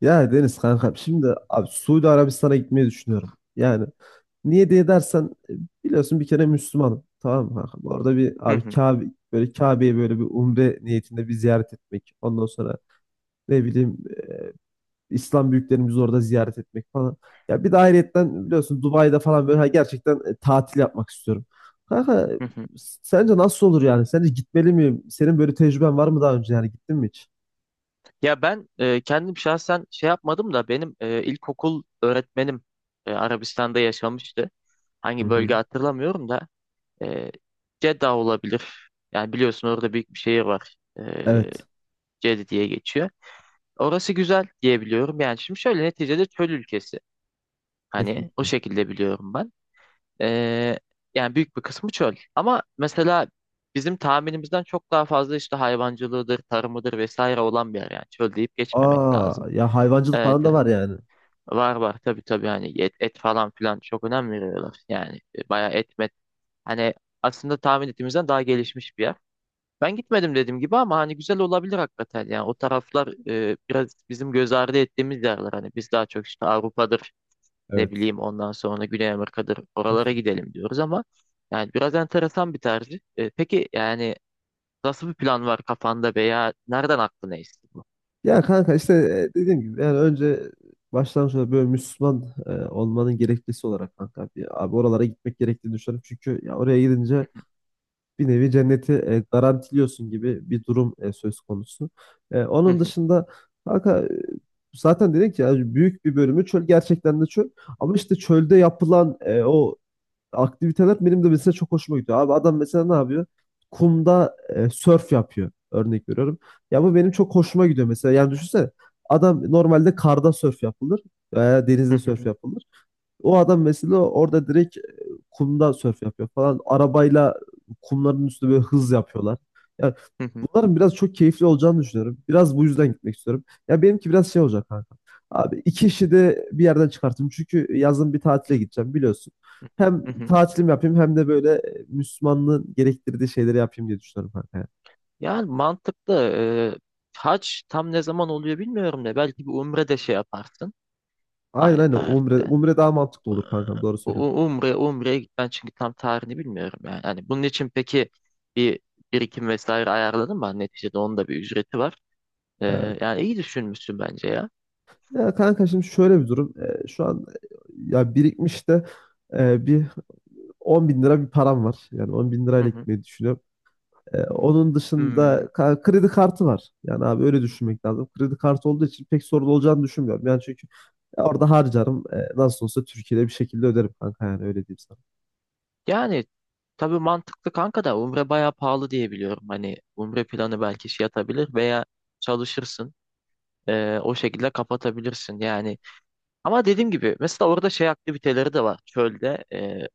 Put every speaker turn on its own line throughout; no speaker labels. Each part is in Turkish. Ya Deniz kanka, şimdi abi Suudi Arabistan'a gitmeyi düşünüyorum. Yani niye diye dersen biliyorsun, bir kere Müslümanım. Tamam mı kanka? Bu arada bir
Hı
abi
hı,
Kabe, böyle Kabe'yi böyle bir umre niyetinde bir ziyaret etmek. Ondan sonra ne bileyim e, İslam büyüklerimizi orada ziyaret etmek falan. Ya bir de ayrıyetten biliyorsun, Dubai'de falan böyle gerçekten tatil yapmak istiyorum. Kanka
hı hı.
sence nasıl olur yani? Sence gitmeli miyim? Senin böyle tecrüben var mı, daha önce yani gittin mi hiç?
Ya ben kendim şahsen şey yapmadım da benim ilkokul öğretmenim Arabistan'da yaşamıştı.
Hı
Hangi
hı.
bölge hatırlamıyorum da e, Jeddah olabilir. Yani biliyorsun orada büyük bir şehir var. E,
Evet.
Cedi diye geçiyor. Orası güzel diye biliyorum. Yani şimdi şöyle neticede çöl ülkesi. Hani o
Kesinlikle.
şekilde biliyorum ben. Ee, yani büyük bir kısmı çöl. Ama mesela bizim tahminimizden çok daha fazla işte hayvancılığıdır, tarımıdır vesaire olan bir yer yani. Çöl deyip geçmemek
Aa
lazım.
ya, hayvancılık
Evet,
falan da
evet.
var yani.
Var var, tabii tabii, hani et, et falan filan çok önem veriyorlar. Yani bayağı et met. Hani aslında tahmin ettiğimizden daha gelişmiş bir yer. Ben gitmedim dediğim gibi ama hani güzel olabilir hakikaten. Yani o taraflar biraz bizim göz ardı ettiğimiz yerler. Hani biz daha çok işte Avrupa'dır, ne
Evet.
bileyim ondan sonra Güney Amerika'dır oralara
Kesin.
gidelim diyoruz ama yani biraz enteresan bir tercih. Peki yani nasıl bir plan var kafanda veya nereden aklına esti bu?
Ya kanka işte dediğim gibi, yani önce başlangıçta böyle Müslüman olmanın gerekçesi olarak kanka bir, abi oralara gitmek gerektiğini düşünüyorum. Çünkü ya oraya gidince bir nevi cenneti garantiliyorsun gibi bir durum söz konusu.
Hı
Onun
hı,
dışında kanka zaten dedik ya, büyük bir bölümü çöl, gerçekten de çöl. Ama işte çölde yapılan o aktiviteler benim de mesela çok hoşuma gidiyor. Abi adam mesela ne yapıyor? Kumda sörf yapıyor. Örnek veriyorum. Ya bu benim çok hoşuma gidiyor mesela. Yani düşünsene, adam normalde karda sörf yapılır veya
hı
denizde
hı,
sörf yapılır. O adam mesela orada direkt kumda sörf yapıyor falan. Arabayla kumların üstünde böyle hız yapıyorlar. Ya,
hı hı,
bunların biraz çok keyifli olacağını düşünüyorum. Biraz bu yüzden gitmek istiyorum. Ya benimki biraz şey olacak kanka. Abi iki işi de bir yerden çıkartayım. Çünkü yazın bir tatile gideceğim, biliyorsun.
hı
Hem
hı, hı hı.
tatilim yapayım, hem de böyle Müslümanlığın gerektirdiği şeyleri yapayım diye düşünüyorum kanka, ya.
Yani mantıklı. E, hac tam ne zaman oluyor bilmiyorum da belki bir umre de şey yaparsın
Aynen
aynı
aynen, umre,
tarihte.
umre daha mantıklı
E,
olur kankam, doğru
U-
söylüyorsun.
u- Umre, umreye gitmen çünkü tam tarihini bilmiyorum yani. Hani bunun için peki bir birikim vesaire ayarladın mı? Hani neticede onun da bir ücreti var.
Evet.
Yani iyi düşünmüşsün bence ya.
Ya kanka, şimdi şöyle bir durum. Şu an ya birikmiş de bir 10 bin lira bir param var. Yani 10 bin
Hı
lirayla
hı.
gitmeyi düşünüyorum. Onun dışında
Hmm.
kredi kartı var. Yani abi öyle düşünmek lazım. Kredi kartı olduğu için pek sorun olacağını düşünmüyorum. Yani çünkü orada harcarım. Nasıl olsa Türkiye'de bir şekilde öderim kanka, yani öyle diyeyim sana.
Yani tabii mantıklı kanka da Umre bayağı pahalı diye biliyorum. Hani Umre planı belki şey yatabilir veya çalışırsın. O şekilde kapatabilirsin yani. Ama dediğim gibi mesela orada şey aktiviteleri de var. Çölde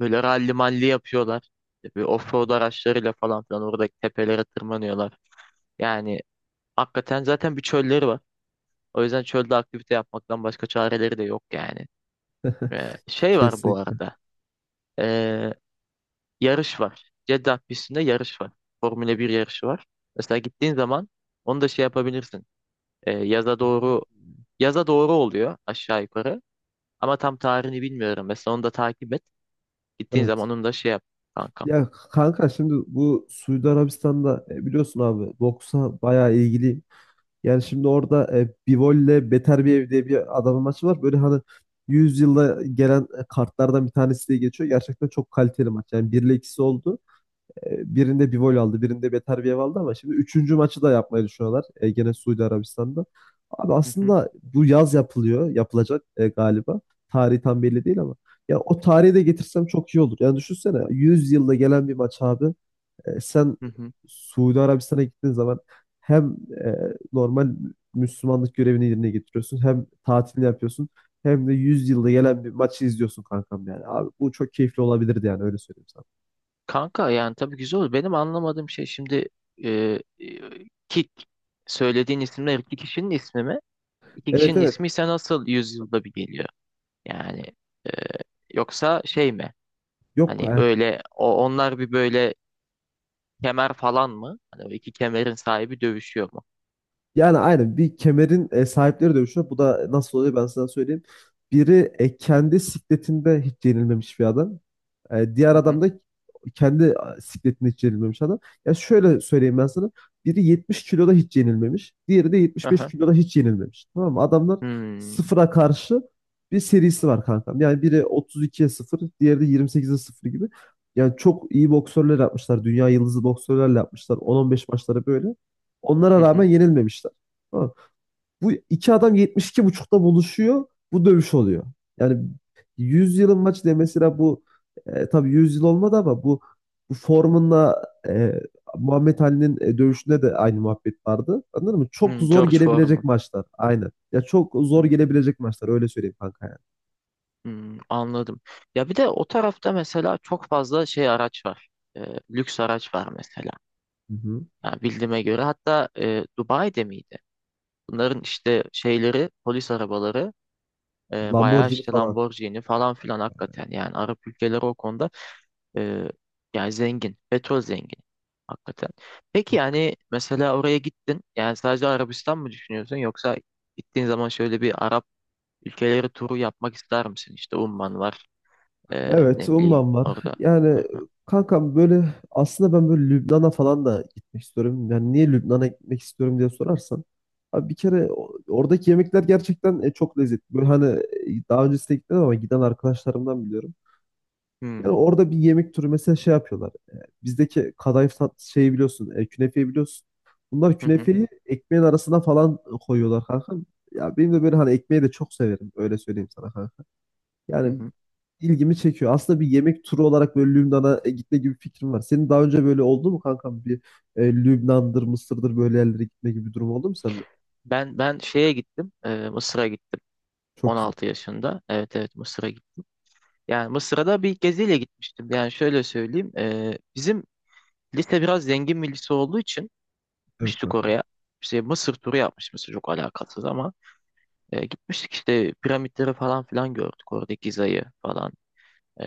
böyle ralli malli yapıyorlar. İşte bir offroad araçlarıyla falan filan oradaki tepelere tırmanıyorlar. Yani hakikaten zaten bir çölleri var. O yüzden çölde aktivite yapmaktan başka çareleri de yok yani. Şey var bu
Kesinlikle.
arada. Ee, yarış var. Jeddah pistinde yarış var. Formula bir yarışı var. Mesela gittiğin zaman onu da şey yapabilirsin. Ee, yaza doğru yaza doğru oluyor aşağı yukarı. Ama tam tarihini bilmiyorum. Mesela onu da takip et. Gittiğin
Evet.
zaman onu da şey yap, kankam.
Ya kanka, şimdi bu Suudi Arabistan'da biliyorsun abi, boksa bayağı ilgiliyim. Yani şimdi orada Bivol'le Beter bir ev diye bir adamın maçı var. Böyle hani 100 yılda gelen kartlardan bir tanesi diye geçiyor. Gerçekten çok kaliteli maç. Yani 1 ile 2'si oldu. Birinde bir gol aldı, birinde beter bir ev aldı, ama şimdi üçüncü maçı da yapmayı düşünüyorlar. Gene Suudi Arabistan'da. Abi
Hı hı.
aslında bu yaz yapılıyor, yapılacak galiba. Tarihi tam belli değil ama. Ya o tarihi de getirsem çok iyi olur. Yani düşünsene, 100 yılda gelen bir maç abi. Sen
Hı hı.
Suudi Arabistan'a gittiğin zaman hem e, normal Müslümanlık görevini yerine getiriyorsun, hem tatilini yapıyorsun, hem de 100 yılda gelen bir maçı izliyorsun kankam yani. Abi bu çok keyifli olabilirdi, yani öyle söyleyeyim sana.
Kanka yani tabii güzel olur. Benim anlamadığım şey şimdi, e, ki söylediğin isimler iki kişinin ismi mi? İki
Evet
kişinin
evet.
ismi ise nasıl yüzyılda bir geliyor? Yani e, yoksa şey mi?
Yok
Hani
e,
öyle onlar bir böyle kemer falan mı? Hani o iki kemerin sahibi dövüşüyor mu?
Yani aynen bir kemerin sahipleri dövüşüyor. Bu da nasıl oluyor, ben sana söyleyeyim. Biri kendi sikletinde hiç yenilmemiş bir adam. Diğer
Hı hı.
adam da kendi sikletinde hiç yenilmemiş adam. Ya şöyle söyleyeyim ben sana. Biri 70 kiloda hiç yenilmemiş. Diğeri de 75
Aha.
kiloda hiç yenilmemiş. Tamam mı? Adamlar
Hmm,
sıfıra karşı bir serisi var kankam. Yani biri 32'ye sıfır, diğeri de 28'e sıfır gibi. Yani çok iyi boksörler yapmışlar. Dünya yıldızı boksörlerle yapmışlar. 10-15 maçları böyle. Onlara
hı
rağmen
hı.
yenilmemişler. Tamam. Bu iki adam 72,5'ta buluşuyor. Bu dövüş oluyor. Yani 100 yılın maçı diye mesela bu tabii 100 yıl olmadı, ama bu, bu Foreman'la Muhammed Ali'nin dövüşünde de aynı muhabbet vardı. Anladın mı? Çok
Hmm,
zor
George
gelebilecek
Foreman.
maçlar. Aynen. Ya, çok zor
Hmm,
gelebilecek maçlar, öyle söyleyeyim kanka yani.
hmm, anladım. Ya bir de o tarafta mesela çok fazla şey araç var. E, lüks araç var mesela.
Hı hı.
Yani bildiğime göre hatta Dubai'de miydi? Bunların işte şeyleri polis arabaları, bayağı
Lamborghini
işte
falan.
Lamborghini falan filan hakikaten, yani Arap ülkeleri o konuda, e, yani zengin, petrol zengin, hakikaten. Peki yani mesela oraya gittin, yani sadece Arabistan mı düşünüyorsun yoksa gittiğin zaman şöyle bir Arap ülkeleri turu yapmak ister misin? İşte Umman var,
Evet,
ne bileyim
umman var.
orada.
Yani
Hı hı.
kankam, böyle aslında ben böyle Lübnan'a falan da gitmek istiyorum. Yani niye Lübnan'a gitmek istiyorum diye sorarsan, abi bir kere oradaki yemekler gerçekten çok lezzetli. Böyle hani daha öncesine gitmedim ama giden arkadaşlarımdan biliyorum. Yani
Hmm.
orada bir yemek türü mesela şey yapıyorlar. Bizdeki kadayıf tat şeyi biliyorsun, künefeyi biliyorsun. Bunlar
Hı hı.
künefeyi ekmeğin arasına falan koyuyorlar kankam. Ya benim de böyle hani ekmeği de çok severim, öyle söyleyeyim sana,
Hı
yani
hı.
ilgimi çekiyor. Aslında bir yemek turu olarak böyle Lübnan'a gitme gibi bir fikrim var. Senin daha önce böyle oldu mu kankam? Bir Lübnan'dır, Mısır'dır böyle yerlere gitme gibi bir durum oldu mu sende?
Ben şeye gittim, Mısır'a gittim.
Çok güzel.
16 yaşında. Evet evet, Mısır'a gittim. Yani Mısır'a da bir geziyle gitmiştim. Yani şöyle söyleyeyim. Bizim lise biraz zengin bir lise olduğu için
Evet
gitmiştik
kankam.
oraya. İşte Mısır turu yapmış, çok alakasız ama gitmiştik işte piramitleri falan filan gördük. Orada Giza'yı falan. E,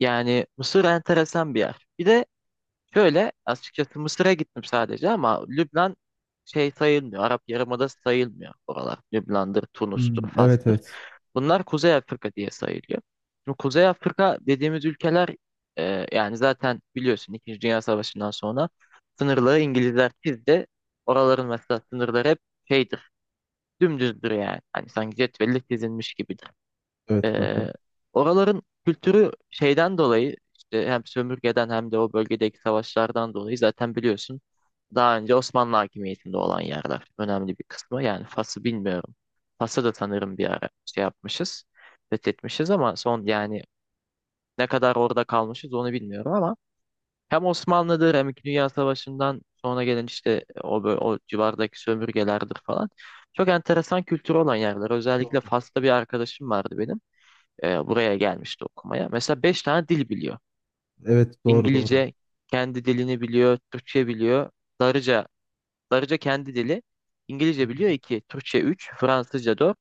yani Mısır enteresan bir yer. Bir de şöyle açıkçası Mısır'a gittim sadece ama Lübnan şey sayılmıyor. Arap Yarımadası sayılmıyor oralar. Lübnan'dır, Tunus'tur,
Hmm, evet
Fas'tır.
evet.
Bunlar Kuzey Afrika diye sayılıyor. Şimdi Kuzey Afrika dediğimiz ülkeler, yani zaten biliyorsun İkinci Dünya Savaşı'ndan sonra sınırları İngilizler çizdi. Oraların mesela sınırları hep şeydir, dümdüzdür yani. Hani sanki cetvelle çizilmiş gibidir.
Evet kankam.
Ee, oraların kültürü şeyden dolayı işte hem sömürgeden hem de o bölgedeki savaşlardan dolayı zaten biliyorsun daha önce Osmanlı hakimiyetinde olan yerler önemli bir kısmı. Yani Fas'ı bilmiyorum. Fas'ı da sanırım bir ara şey yapmışız, fethetmişiz ama son yani ne kadar orada kalmışız onu bilmiyorum ama hem Osmanlı'dır hem İkinci Dünya Savaşı'ndan sonra gelen işte o civardaki sömürgelerdir falan. Çok enteresan kültürü olan yerler. Özellikle
Doğru.
Fas'ta bir arkadaşım vardı benim, buraya gelmişti okumaya. Mesela 5 tane dil biliyor.
Evet doğru doğru.
İngilizce, kendi dilini biliyor, Türkçe biliyor. Darıca, Darıca kendi dili. İngilizce biliyor iki, Türkçe üç, Fransızca dört,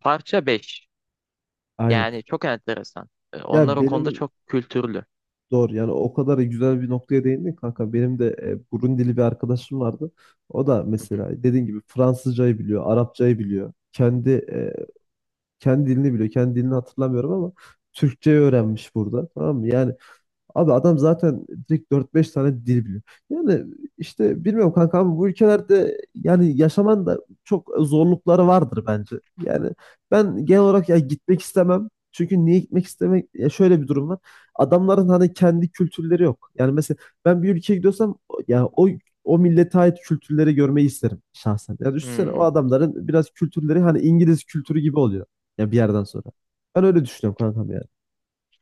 Parça beş.
Aynen.
Yani çok enteresan. Onlar
Ya
o konuda
benim
çok kültürlü.
doğru, yani o kadar güzel bir noktaya değindin kanka. Benim de Burundili bir arkadaşım vardı. O da
Hı hı.
mesela dediğin gibi Fransızcayı biliyor, Arapçayı biliyor. Kendi dilini biliyor. Kendi dilini hatırlamıyorum ama Türkçe öğrenmiş burada. Tamam mı? Yani abi adam zaten direkt dört beş tane dil biliyor. Yani işte bilmiyorum kanka, ama bu ülkelerde yani yaşaman da çok zorlukları vardır bence. Yani ben genel olarak ya gitmek istemem. Çünkü niye gitmek istemek? Ya şöyle bir durum var. Adamların hani kendi kültürleri yok. Yani mesela ben bir ülkeye gidiyorsam, ya o millete ait kültürleri görmeyi isterim şahsen. Yani düşünsene, o
Hmm.
adamların biraz kültürleri hani İngiliz kültürü gibi oluyor. Ya bir yerden sonra. Ben öyle düşünüyorum kankam yani.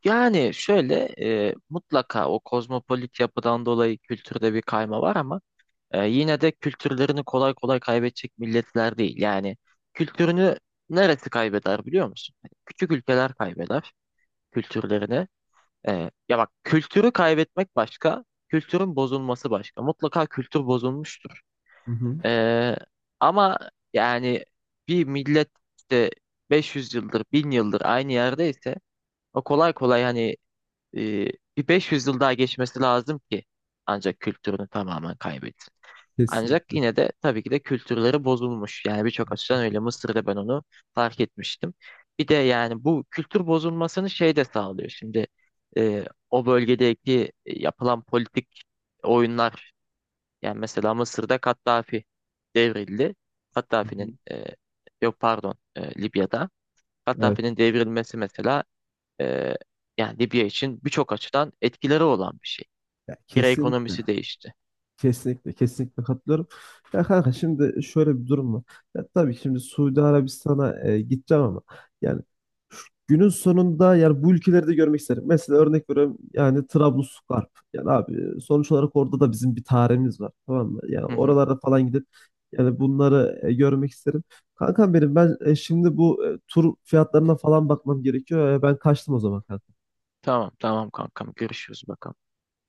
Yani şöyle, mutlaka o kozmopolit yapıdan dolayı kültürde bir kayma var ama yine de kültürlerini kolay kolay kaybedecek milletler değil. Yani kültürünü neresi kaybeder biliyor musun? Hani küçük ülkeler kaybeder kültürlerini. Ya bak, kültürü kaybetmek başka, kültürün bozulması başka. Mutlaka kültür bozulmuştur.
Hı hı.
Ee, ama yani bir millet işte 500 yıldır, 1.000 yıldır aynı yerdeyse o kolay kolay hani, e, bir 500 yıl daha geçmesi lazım ki ancak kültürünü tamamen kaybet. Ancak
Kesinlikle.
yine de tabii ki de kültürleri bozulmuş. Yani birçok açıdan öyle,
Kesinlikle.
Mısır'da ben onu fark etmiştim. Bir de yani bu kültür bozulmasını şey de sağlıyor. Şimdi, e, o bölgedeki yapılan politik oyunlar, yani mesela Mısır'da Kaddafi devrildi.
Hı
Kaddafi'nin,
hı.
yok pardon, Libya'da
Evet.
Kaddafi'nin devrilmesi mesela, e, yani Libya için birçok açıdan etkileri olan bir şey.
Ya
Lira
kesinlikle.
ekonomisi değişti.
Kesinlikle. Kesinlikle katılıyorum. Ya kanka, şimdi şöyle bir durum var. Ya tabii şimdi Suudi Arabistan'a gideceğim ama yani günün sonunda yani bu ülkeleri de görmek isterim. Mesela örnek veriyorum, yani Trablusgarp. Yani abi sonuç olarak orada da bizim bir tarihimiz var. Tamam mı? Yani
Hı hı.
oralarda falan gidip yani bunları görmek isterim. Kankam, ben şimdi bu tur fiyatlarına falan bakmam gerekiyor. Ben kaçtım o zaman kanka.
Tamam tamam kankam, görüşürüz bakalım.